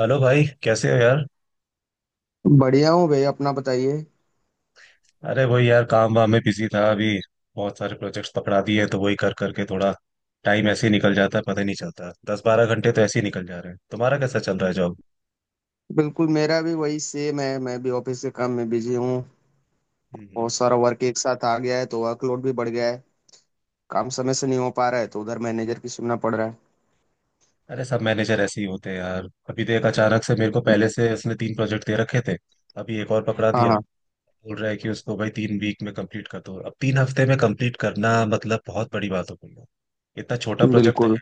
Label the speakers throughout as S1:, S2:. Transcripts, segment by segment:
S1: Hello भाई, कैसे हो यार।
S2: बढ़िया हूँ भैया अपना बताइए।
S1: अरे वही यार, काम वाम में बिजी था अभी। बहुत सारे प्रोजेक्ट्स पकड़ा दिए हैं तो वही कर करके थोड़ा टाइम ऐसे ही निकल जाता है, पता ही नहीं चलता। 10-12 घंटे तो ऐसे ही निकल जा रहे हैं। तुम्हारा कैसा चल रहा है जॉब?
S2: बिल्कुल मेरा भी वही सेम है। मैं भी ऑफिस के काम में बिजी हूँ।
S1: हम्म।
S2: बहुत सारा वर्क एक साथ आ गया है तो वर्कलोड भी बढ़ गया है। काम समय से नहीं हो पा रहा है तो उधर मैनेजर की सुनना पड़ रहा है।
S1: अरे सब मैनेजर ऐसे ही होते हैं यार। अभी देख, अचानक से मेरे को पहले से उसने तीन प्रोजेक्ट दे रखे थे, अभी एक और पकड़ा
S2: हाँ
S1: दिया।
S2: हाँ।
S1: बोल रहा है कि उसको भाई 3 वीक में कंप्लीट कर दो। अब 3 हफ्ते में कंप्लीट करना मतलब बहुत बड़ी बात हो गई है। इतना छोटा प्रोजेक्ट तो
S2: बिल्कुल।
S1: है।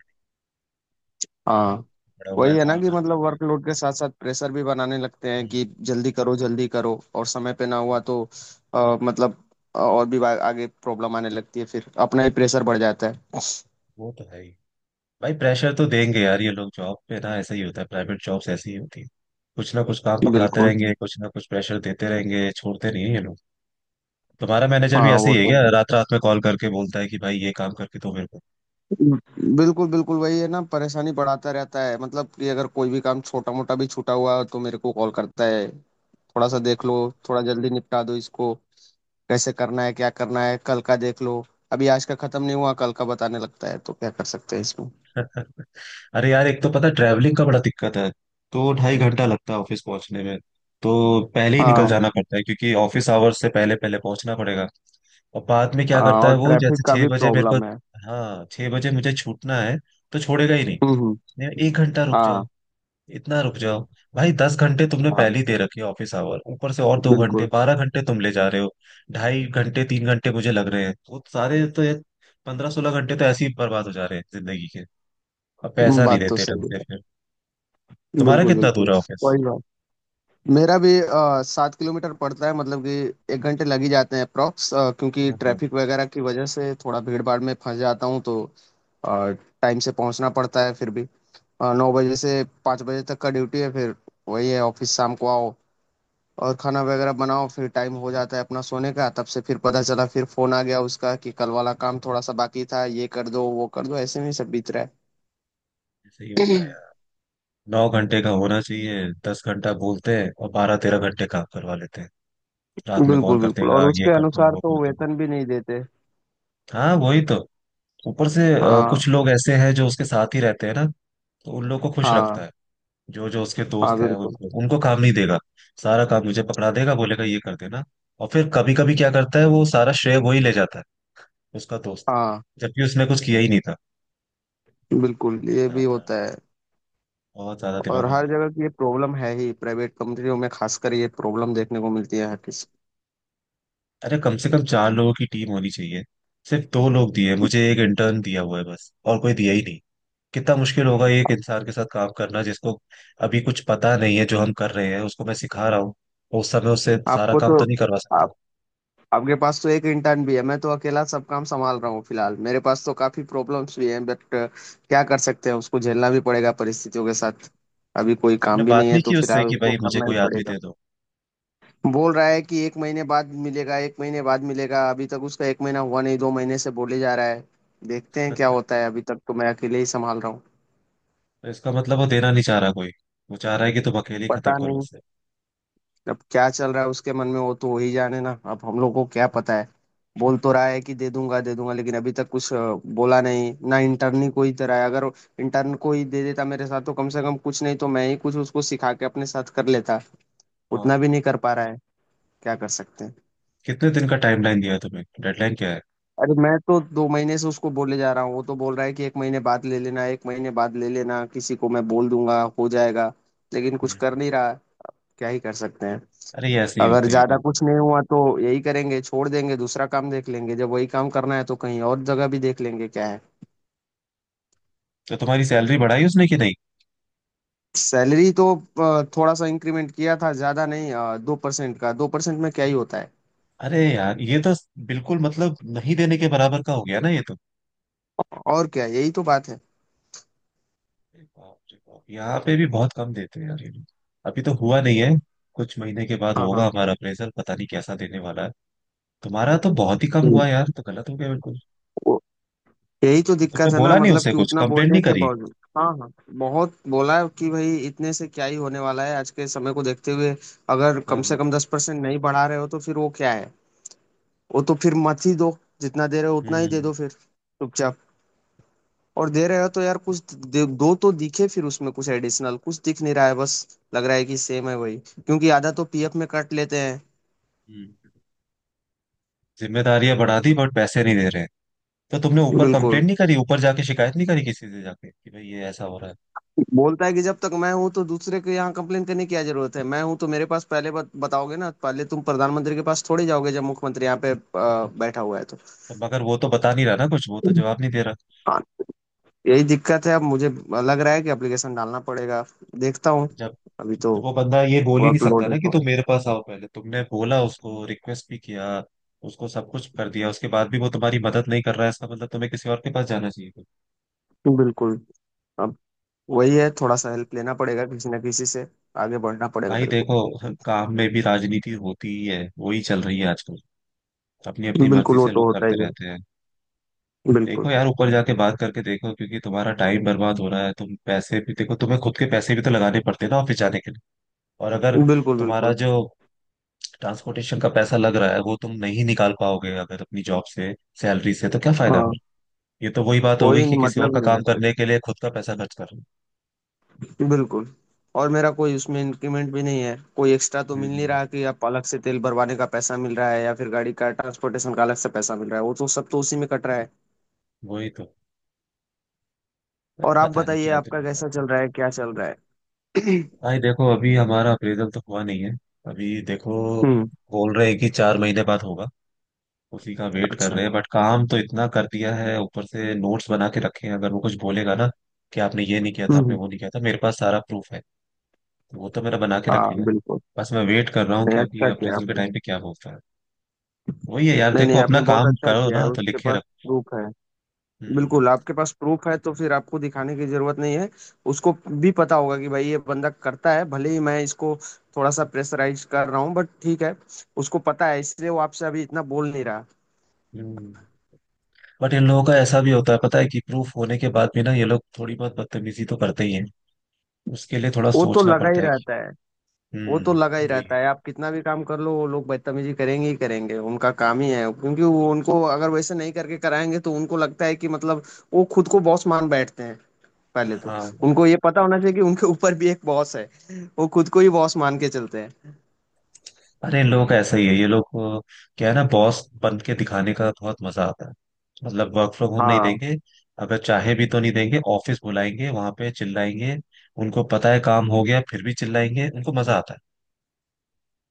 S2: हाँ।
S1: बड़ा हुआ है
S2: वही है ना
S1: कॉल
S2: कि
S1: कर
S2: मतलब
S1: करके।
S2: वर्कलोड के साथ साथ प्रेशर भी बनाने लगते हैं
S1: हम्म।
S2: कि जल्दी करो जल्दी करो, और समय पे ना हुआ
S1: वही-
S2: तो मतलब और भी आगे प्रॉब्लम आने लगती है, फिर अपना ही प्रेशर बढ़ जाता है।
S1: वो तो है ही। भाई प्रेशर तो देंगे यार ये लोग। जॉब पे ना ऐसा ही होता है, प्राइवेट जॉब्स ऐसी ही होती है। कुछ ना कुछ काम पकड़ाते
S2: बिल्कुल।
S1: रहेंगे, कुछ ना कुछ प्रेशर देते रहेंगे, छोड़ते नहीं है ये लोग। तुम्हारा मैनेजर भी
S2: हाँ
S1: ऐसे
S2: वो
S1: ही है
S2: तो
S1: क्या?
S2: है।
S1: रात रात में कॉल करके बोलता है कि भाई ये काम करके दो मेरे को।
S2: बिल्कुल बिल्कुल वही है ना, परेशानी बढ़ाता रहता है। मतलब कि अगर कोई भी काम छोटा मोटा भी छूटा हुआ तो मेरे को कॉल करता है। थोड़ा सा देख लो, थोड़ा जल्दी निपटा दो इसको, कैसे करना है, क्या करना है, कल का देख लो। अभी आज का खत्म नहीं हुआ, कल का बताने लगता है। तो क्या कर सकते हैं इसमें।
S1: अरे यार, एक तो पता ट्रैवलिंग का बड़ा दिक्कत है। दो ढाई घंटा लगता है ऑफिस पहुंचने में। तो पहले ही निकल
S2: हाँ
S1: जाना पड़ता है क्योंकि ऑफिस आवर्स से पहले पहले पहुंचना पड़ेगा। और बाद में क्या
S2: हाँ,
S1: करता है
S2: और
S1: वो,
S2: ट्रैफिक
S1: जैसे
S2: का
S1: छह
S2: भी
S1: बजे मेरे को।
S2: प्रॉब्लम है।
S1: हाँ, 6 बजे मुझे छूटना है तो छोड़ेगा ही नहीं।
S2: हम्म हम्म,
S1: नहीं, 1 घंटा रुक
S2: हाँ
S1: जाओ, इतना रुक जाओ। भाई, दस घंटे तुमने
S2: हाँ
S1: पहले ही दे रखे ऑफिस आवर, ऊपर से और 2 घंटे,
S2: बिल्कुल।
S1: 12 घंटे तुम ले जा रहे हो। ढाई घंटे तीन घंटे मुझे लग रहे हैं वो सारे, तो ये 15-16 घंटे तो ऐसे ही बर्बाद हो जा रहे हैं जिंदगी के। अब पैसा नहीं
S2: बात तो
S1: देते ढंग
S2: सही
S1: से
S2: है।
S1: फिर। तुम्हारा
S2: बिल्कुल
S1: कितना
S2: बिल्कुल।
S1: दूर है ऑफिस?
S2: वही बात। मेरा भी 7 किलोमीटर पड़ता है, मतलब कि 1 घंटे लग ही जाते हैं अप्रॉक्स, क्योंकि
S1: हाँ हाँ।
S2: ट्रैफिक वगैरह की वजह से थोड़ा भीड़ भाड़ में फंस जाता हूँ, तो टाइम से पहुंचना पड़ता है फिर भी। 9 बजे से 5 बजे तक का ड्यूटी है। फिर वही है, ऑफिस शाम को आओ और खाना वगैरह बनाओ, फिर टाइम हो जाता है अपना सोने का। तब से फिर पता चला फिर फोन आ गया उसका कि कल वाला काम थोड़ा सा बाकी था, ये कर दो वो कर दो। ऐसे में ही सब बीत रहा है।
S1: ऐसे ही होता है यार। 9 घंटे का होना चाहिए, 10 घंटा बोलते हैं और 12-13 घंटे काम करवा लेते हैं। रात में कॉल
S2: बिल्कुल
S1: करते हैं,
S2: बिल्कुल, और
S1: कहा, ये
S2: उसके
S1: कर दो
S2: अनुसार
S1: वो
S2: तो
S1: कर दो।
S2: वेतन भी नहीं देते।
S1: हाँ वही तो। ऊपर से
S2: हाँ
S1: कुछ लोग ऐसे हैं जो उसके साथ ही रहते हैं ना, तो उन लोग को खुश रखता
S2: हाँ।
S1: है। जो जो उसके
S2: हाँ
S1: दोस्त हैं
S2: बिल्कुल।
S1: उनको उनको काम नहीं देगा। सारा काम मुझे पकड़ा देगा, बोलेगा ये कर देना। और फिर कभी कभी क्या करता है, वो सारा श्रेय वो ही ले जाता है, उसका दोस्त,
S2: हाँ
S1: जबकि उसने कुछ किया ही नहीं था।
S2: बिल्कुल ये भी
S1: ज्यादा
S2: होता है।
S1: बहुत ज्यादा
S2: और
S1: दिमाग लगाते
S2: हर
S1: हैं।
S2: जगह की ये प्रॉब्लम है ही, प्राइवेट कंपनियों में खासकर ये प्रॉब्लम देखने को मिलती है हर किसी।
S1: अरे कम से कम चार लोगों की टीम होनी चाहिए। सिर्फ दो लोग दिए मुझे, एक इंटर्न दिया हुआ है बस, और कोई दिया ही नहीं। कितना मुश्किल होगा एक इंसान के साथ काम करना जिसको अभी कुछ पता नहीं है। जो हम कर रहे हैं उसको मैं सिखा रहा हूँ, और उस समय उससे सारा
S2: आपको
S1: काम
S2: तो,
S1: तो नहीं करवा
S2: आप,
S1: सकता।
S2: आपके पास तो एक इंटर्न भी है, मैं तो अकेला सब काम संभाल रहा हूँ फिलहाल। मेरे पास तो काफी प्रॉब्लम्स भी हैं, बट क्या कर सकते हैं, उसको झेलना भी पड़ेगा परिस्थितियों के साथ। अभी कोई
S1: तुमने
S2: काम भी
S1: बात
S2: नहीं है
S1: नहीं
S2: तो
S1: की उससे
S2: फिलहाल
S1: कि
S2: उसको
S1: भाई मुझे
S2: करना ही
S1: कोई आदमी
S2: पड़ेगा।
S1: दे दो?
S2: बोल रहा है कि 1 महीने बाद मिलेगा, 1 महीने बाद मिलेगा। अभी तक उसका 1 महीना हुआ नहीं, 2 महीने से बोले जा रहा है। देखते हैं क्या होता है, अभी तक तो मैं अकेले ही संभाल रहा हूँ।
S1: तो इसका मतलब वो देना नहीं चाह रहा कोई, वो चाह रहा है कि तुम अकेले ही खत्म
S2: पता
S1: करो
S2: नहीं।
S1: उसे।
S2: अब क्या चल रहा है उसके मन में, वो तो वही जाने ना, अब हम लोग को क्या पता है। बोल तो रहा है कि दे दूंगा दे दूंगा, लेकिन अभी तक कुछ बोला नहीं ना। इंटर्न ही कोई तरह है, अगर इंटर्न को ही दे देता मेरे साथ तो कम से कम, कुछ नहीं तो मैं ही कुछ उसको सिखा के अपने साथ कर लेता। उतना
S1: हाँ,
S2: भी नहीं कर पा रहा है। क्या कर सकते हैं।
S1: कितने दिन का टाइमलाइन दिया है तुम्हें, डेडलाइन क्या है?
S2: अरे मैं तो 2 महीने से उसको बोले जा रहा हूँ, वो तो बोल रहा है कि एक महीने बाद ले लेना, 1 महीने बाद ले लेना, किसी को मैं बोल दूंगा हो जाएगा। लेकिन कुछ कर
S1: हम्म।
S2: नहीं रहा। क्या ही कर सकते हैं।
S1: अरे ये ऐसे ही
S2: अगर
S1: होते हैं
S2: ज्यादा
S1: वो।
S2: कुछ नहीं हुआ तो यही करेंगे, छोड़ देंगे दूसरा काम देख लेंगे। जब वही काम करना है तो कहीं और जगह भी देख लेंगे, क्या है।
S1: तो तुम्हारी सैलरी बढ़ाई उसने कि नहीं?
S2: सैलरी तो थोड़ा सा इंक्रीमेंट किया था, ज्यादा नहीं। 2% का, 2% में क्या ही होता है।
S1: अरे यार ये तो बिल्कुल मतलब नहीं देने के बराबर का हो गया ना ये तो।
S2: और क्या, यही तो बात है।
S1: अरे बाप रे बाप, यहाँ पे भी बहुत कम देते हैं यार ये लोग। अभी तो हुआ नहीं है, कुछ महीने के बाद
S2: हाँ
S1: होगा
S2: हाँ।
S1: हमारा अप्रेजल, पता नहीं कैसा देने वाला है। तुम्हारा तो बहुत ही कम
S2: हम्म।
S1: हुआ यार, तो गलत हो गया बिल्कुल।
S2: वो- यही तो
S1: तुमने
S2: दिक्कत है ना,
S1: बोला नहीं
S2: मतलब
S1: उसे,
S2: कि
S1: कुछ
S2: उतना
S1: कंप्लेंट
S2: बोलने
S1: नहीं
S2: के
S1: करी?
S2: बावजूद, हाँ हाँ। बहुत बोला कि भाई इतने से क्या ही होने वाला है, आज के समय को देखते हुए। अगर
S1: हाँ
S2: कम से
S1: हाँ,
S2: कम 10% नहीं बढ़ा रहे हो तो फिर वो क्या है। वो तो फिर मत ही दो, जितना दे रहे हो उतना ही दे
S1: हम्म
S2: दो फिर चुपचाप। और दे रहे हो तो यार कुछ दो तो दिखे। फिर उसमें कुछ एडिशनल कुछ दिख नहीं रहा है, बस लग रहा है कि सेम है वही, क्योंकि आधा तो पीएफ में कट लेते हैं।
S1: हम्म। जिम्मेदारियां बढ़ा दी बट पैसे नहीं दे रहे। तो तुमने ऊपर
S2: बिल्कुल।
S1: कंप्लेंट नहीं करी, ऊपर जाके शिकायत नहीं करी किसी से जाके कि भाई ये ऐसा हो रहा है?
S2: बोलता है कि जब तक मैं हूं तो दूसरे के यहाँ कंप्लेन करने की क्या जरूरत है, मैं हूं तो मेरे पास पहले बताओगे ना। पहले तुम प्रधानमंत्री के पास थोड़ी जाओगे, जब मुख्यमंत्री यहाँ पे बैठा हुआ है तो।
S1: तो मगर वो तो बता नहीं रहा ना कुछ, वो तो जवाब नहीं दे रहा।
S2: हाँ। यही दिक्कत है, अब मुझे लग रहा है कि एप्लीकेशन डालना पड़ेगा। देखता हूँ,
S1: जब
S2: अभी तो
S1: वो बंदा ये बोल ही नहीं
S2: वर्कलोड
S1: सकता
S2: है
S1: ना कि तुम
S2: थोड़ा।
S1: मेरे पास आओ पहले, तुमने बोला उसको, रिक्वेस्ट भी किया, उसको सब कुछ कर दिया, उसके बाद भी वो तुम्हारी मदद नहीं कर रहा है, इसका मतलब तुम्हें किसी और के पास जाना चाहिए था।
S2: बिल्कुल। अब वही है, थोड़ा सा हेल्प लेना पड़ेगा किसी ना किसी से, आगे बढ़ना पड़ेगा
S1: भाई
S2: मेरे को।
S1: देखो, काम में भी राजनीति होती ही है, वही चल रही है आजकल। अपनी अपनी
S2: बिल्कुल
S1: मर्जी
S2: वो
S1: से
S2: तो
S1: लोग
S2: होता
S1: करते
S2: ही है।
S1: रहते हैं। देखो
S2: बिल्कुल।
S1: यार, ऊपर जाके बात करके देखो, क्योंकि तुम्हारा टाइम बर्बाद हो रहा है। तुम पैसे भी देखो, तुम्हें खुद के पैसे भी तो लगाने पड़ते हैं ना ऑफिस जाने के लिए। और अगर
S2: बिल्कुल
S1: तुम्हारा
S2: बिल्कुल।
S1: जो ट्रांसपोर्टेशन का पैसा लग रहा है वो तुम नहीं निकाल पाओगे अगर अपनी जॉब से सैलरी से, तो क्या फायदा फिर?
S2: हाँ।
S1: ये तो वही बात हो गई
S2: कोई
S1: कि किसी और
S2: मतलब
S1: का
S2: नहीं है
S1: काम
S2: फिर।
S1: करने के लिए खुद का पैसा खर्च कर रहे हो।
S2: बिल्कुल। और मेरा कोई उसमें इंक्रीमेंट भी नहीं है, कोई एक्स्ट्रा तो
S1: हम्म
S2: मिल
S1: हम्म,
S2: नहीं
S1: हम्म।
S2: रहा कि आप अलग से तेल भरवाने का पैसा मिल रहा है या फिर गाड़ी का ट्रांसपोर्टेशन का अलग से पैसा मिल रहा है। वो तो सब तो उसी में कट रहा है।
S1: वही तो।
S2: और आप
S1: पता नहीं
S2: बताइए
S1: क्या
S2: आपका कैसा
S1: दिमाग।
S2: चल रहा है, क्या चल रहा है।
S1: भाई देखो, अभी हमारा अप्रेजल तो हुआ नहीं है। अभी देखो,
S2: हम्म।
S1: बोल रहे हैं कि 4 महीने बाद होगा। उसी का वेट कर
S2: अच्छा।
S1: रहे हैं, बट काम तो इतना कर दिया है, ऊपर से नोट्स बना के रखे हैं। अगर वो कुछ बोलेगा ना कि आपने ये नहीं किया था, आपने
S2: हम्म।
S1: वो नहीं किया था, मेरे पास सारा प्रूफ है। तो वो तो मैंने बना के रख लिया
S2: हाँ
S1: है।
S2: बिल्कुल।
S1: बस मैं वेट कर रहा हूँ
S2: नहीं
S1: कि अभी
S2: अच्छा किया
S1: अप्रेजल के
S2: आपने।
S1: टाइम पे क्या बोलता है। वही है यार,
S2: नहीं
S1: देखो
S2: नहीं,
S1: अपना
S2: आपने बहुत
S1: काम
S2: अच्छा
S1: करो
S2: किया है,
S1: ना तो
S2: उसके
S1: लिखे
S2: पास
S1: रखो।
S2: प्रूफ है।
S1: हम्म
S2: बिल्कुल आपके पास प्रूफ है तो फिर आपको दिखाने की जरूरत नहीं है। उसको भी पता होगा कि भाई ये बंदा करता है, भले ही मैं इसको थोड़ा सा प्रेशराइज कर रहा हूँ बट ठीक है। उसको पता है इसलिए वो आपसे अभी इतना बोल नहीं रहा।
S1: हम्म। बट इन लोगों का ऐसा भी होता है, पता है, कि प्रूफ होने के बाद भी ना ये लोग थोड़ी बहुत बदतमीजी तो करते ही हैं, उसके लिए थोड़ा
S2: वो तो
S1: सोचना
S2: लगा ही
S1: पड़ता है कि।
S2: रहता है। वो तो लगा ही
S1: वही है।
S2: रहता है, आप कितना भी काम कर लो वो लोग बदतमीजी करेंगे ही करेंगे, उनका काम ही है। क्योंकि वो उनको अगर वैसे नहीं करके कराएंगे तो उनको लगता है कि, मतलब वो खुद को बॉस मान बैठते हैं। पहले तो
S1: हाँ।
S2: उनको ये पता होना चाहिए कि उनके ऊपर भी एक बॉस है। वो खुद को ही बॉस मान के चलते हैं।
S1: अरे इन लोगों का ऐसा ही है, ये लोग को क्या है ना, बॉस बन के दिखाने का बहुत मजा आता है। मतलब वर्क फ्रॉम होम नहीं
S2: हाँ
S1: देंगे, अगर चाहे भी तो नहीं देंगे। ऑफिस बुलाएंगे, वहां पे चिल्लाएंगे। उनको पता है काम हो गया, फिर भी चिल्लाएंगे, उनको मजा आता है।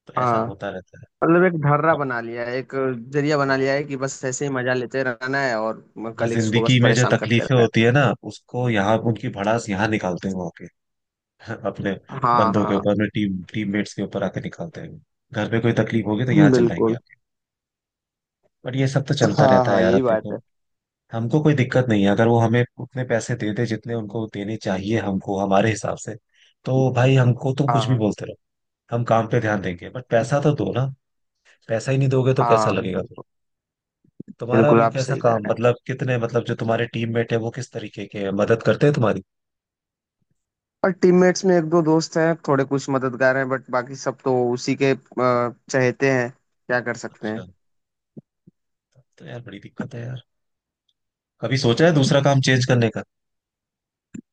S1: तो ऐसा
S2: हाँ।
S1: होता रहता है।
S2: मतलब एक ढर्रा
S1: अब
S2: बना लिया है, एक जरिया
S1: हाँ,
S2: बना लिया है कि बस ऐसे ही मजा लेते रहना है और
S1: अपना
S2: कलीग्स को बस
S1: जिंदगी में जो
S2: परेशान करते
S1: तकलीफें
S2: रहना
S1: होती है ना, उसको यहाँ उनकी भड़ास यहाँ निकालते हैं वहाँ के। अपने
S2: है। हाँ
S1: बंदों के
S2: हाँ
S1: ऊपर, अपने टीममेट्स के ऊपर आके निकालते हैं। घर पे कोई तकलीफ होगी तो यहाँ चिल्लाएंगे
S2: बिल्कुल।
S1: आके। बट ये सब तो चलता
S2: हाँ
S1: रहता है
S2: हाँ
S1: यार। अब
S2: यही बात
S1: देखो,
S2: है।
S1: हमको कोई दिक्कत नहीं है अगर वो हमें उतने पैसे दे दे जितने उनको देने चाहिए, हमको हमारे हिसाब से। तो भाई हमको तुम कुछ भी
S2: हाँ
S1: बोलते रहो, हम काम पे ध्यान देंगे, बट पैसा तो दो ना। पैसा ही नहीं दोगे तो कैसा
S2: हाँ।
S1: लगेगा फिर?
S2: बिल्कुल
S1: तुम्हारा
S2: बिल्कुल
S1: अभी
S2: आप
S1: कैसा
S2: सही कह रहे
S1: काम,
S2: हैं।
S1: मतलब कितने, मतलब जो तुम्हारे टीममेट है वो किस तरीके के हैं, मदद करते हैं तुम्हारी?
S2: और टीममेट्स में एक दो दोस्त हैं, थोड़े कुछ मददगार हैं, बट बाकी सब तो उसी के चहेते हैं। क्या कर सकते हैं।
S1: अच्छा, तब तो यार बड़ी दिक्कत है यार। कभी सोचा है दूसरा काम चेंज करने का?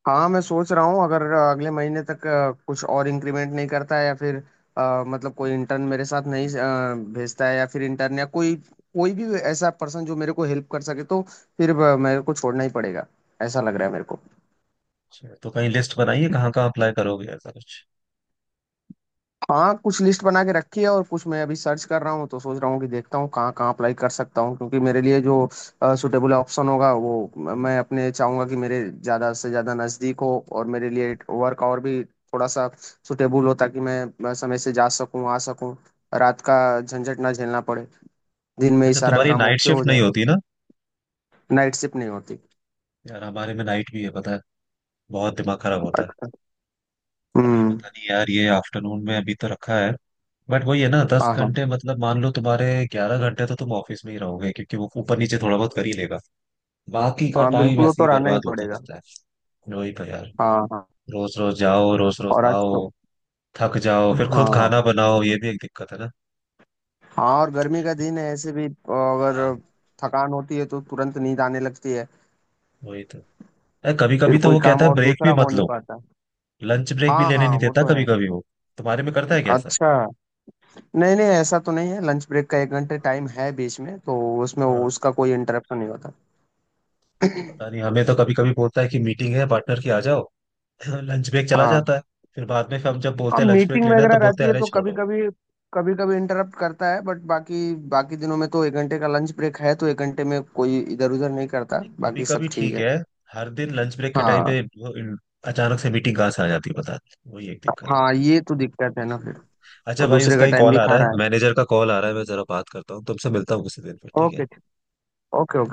S2: हाँ मैं सोच रहा हूँ, अगर अगले महीने तक कुछ और इंक्रीमेंट नहीं करता है या फिर मतलब कोई इंटर्न मेरे साथ नहीं भेजता है, या फिर इंटर्न या कोई, कोई भी ऐसा पर्सन जो मेरे को हेल्प कर सके, तो फिर मेरे को छोड़ना ही पड़ेगा, ऐसा लग रहा है मेरे को।
S1: अच्छा, तो कहीं लिस्ट बनाइए कहाँ कहाँ अप्लाई करोगे ऐसा कुछ?
S2: हाँ कुछ लिस्ट बना के रखी है और कुछ मैं अभी सर्च कर रहा हूँ, तो सोच रहा हूँ कि देखता हूँ कहाँ कहाँ अप्लाई कर सकता हूँ, क्योंकि मेरे लिए जो सुटेबल ऑप्शन होगा वो मैं अपने चाहूंगा कि मेरे ज़्यादा से ज़्यादा नज़दीक हो और मेरे लिए वर्क और भी थोड़ा सा सुटेबल हो, ताकि मैं समय से जा सकूँ आ सकूँ, रात का झंझट ना झेलना पड़े, दिन में ही
S1: अच्छा,
S2: सारा
S1: तुम्हारी
S2: काम
S1: नाइट
S2: ओके हो
S1: शिफ्ट नहीं
S2: जाए।
S1: होती ना?
S2: नाइट शिफ्ट नहीं होती।
S1: यार हमारे में नाइट भी है पता है, बहुत दिमाग खराब होता है।
S2: अच्छा।
S1: अभी
S2: हम्म।
S1: पता नहीं यार, ये आफ्टरनून में अभी तो रखा है। बट वही है ना, दस
S2: हाँ हाँ।
S1: घंटे मतलब मान लो तुम्हारे 11 घंटे तो तुम ऑफिस में ही रहोगे, क्योंकि वो ऊपर नीचे थोड़ा बहुत कर ही लेगा। बाकी का
S2: हाँ
S1: टाइम
S2: बिल्कुल वो
S1: ऐसे
S2: तो
S1: ही
S2: रहना ही
S1: बर्बाद होता
S2: पड़ेगा।
S1: रहता है। वही तो यार,
S2: हाँ हाँ।
S1: रोज रोज जाओ रोज रोज
S2: और आज तो,
S1: आओ, थक जाओ, फिर खुद
S2: हाँ
S1: खाना बनाओ, ये भी एक दिक्कत है ना।
S2: हाँ, और गर्मी का दिन है, ऐसे भी
S1: हाँ
S2: अगर थकान होती है तो तुरंत नींद आने लगती है,
S1: वही तो। अरे कभी
S2: फिर
S1: कभी तो
S2: कोई
S1: वो
S2: काम
S1: कहता है
S2: और
S1: ब्रेक
S2: दूसरा
S1: भी
S2: हो
S1: मत
S2: नहीं
S1: लो,
S2: पाता।
S1: लंच ब्रेक भी
S2: हाँ
S1: लेने
S2: हाँ
S1: नहीं
S2: वो
S1: देता
S2: तो
S1: कभी
S2: है।
S1: कभी वो। तुम्हारे में करता है क्या ऐसा?
S2: अच्छा। नहीं नहीं ऐसा तो नहीं है, लंच ब्रेक का 1 घंटे टाइम है बीच में, तो उसमें
S1: हाँ,
S2: उसका कोई इंटरप्शन नहीं होता।
S1: पता नहीं, हमें तो कभी कभी बोलता है कि मीटिंग है पार्टनर की आ जाओ, लंच ब्रेक चला
S2: हाँ
S1: जाता है। फिर बाद में हम जब
S2: हाँ,
S1: बोलते हैं लंच ब्रेक
S2: मीटिंग
S1: लेना है,
S2: वगैरह
S1: तो बोलते
S2: रहती
S1: हैं
S2: है
S1: अरे
S2: तो कभी
S1: छोड़ो।
S2: कभी, कभी कभी इंटरप्ट करता है, बट बाकी, बाकी दिनों में तो 1 घंटे का लंच ब्रेक है, तो एक घंटे में कोई इधर उधर नहीं करता।
S1: कभी
S2: बाकी सब
S1: कभी
S2: ठीक
S1: ठीक
S2: है।
S1: है, हर दिन लंच ब्रेक के टाइम
S2: हाँ
S1: पे वो अचानक से मीटिंग कहाँ से आ जाती है बता। वही एक दिक्कत है।
S2: हाँ ये तो दिक्कत है ना फिर।
S1: अच्छा
S2: और
S1: भाई,
S2: दूसरे
S1: उसका
S2: का
S1: ही
S2: टाइम
S1: कॉल
S2: भी
S1: आ
S2: खा
S1: रहा है,
S2: रहा है।
S1: मैनेजर का कॉल आ रहा है। मैं जरा बात करता हूँ, तुमसे मिलता हूँ उसी दिन पर, ठीक है।
S2: ओके। Okay okay.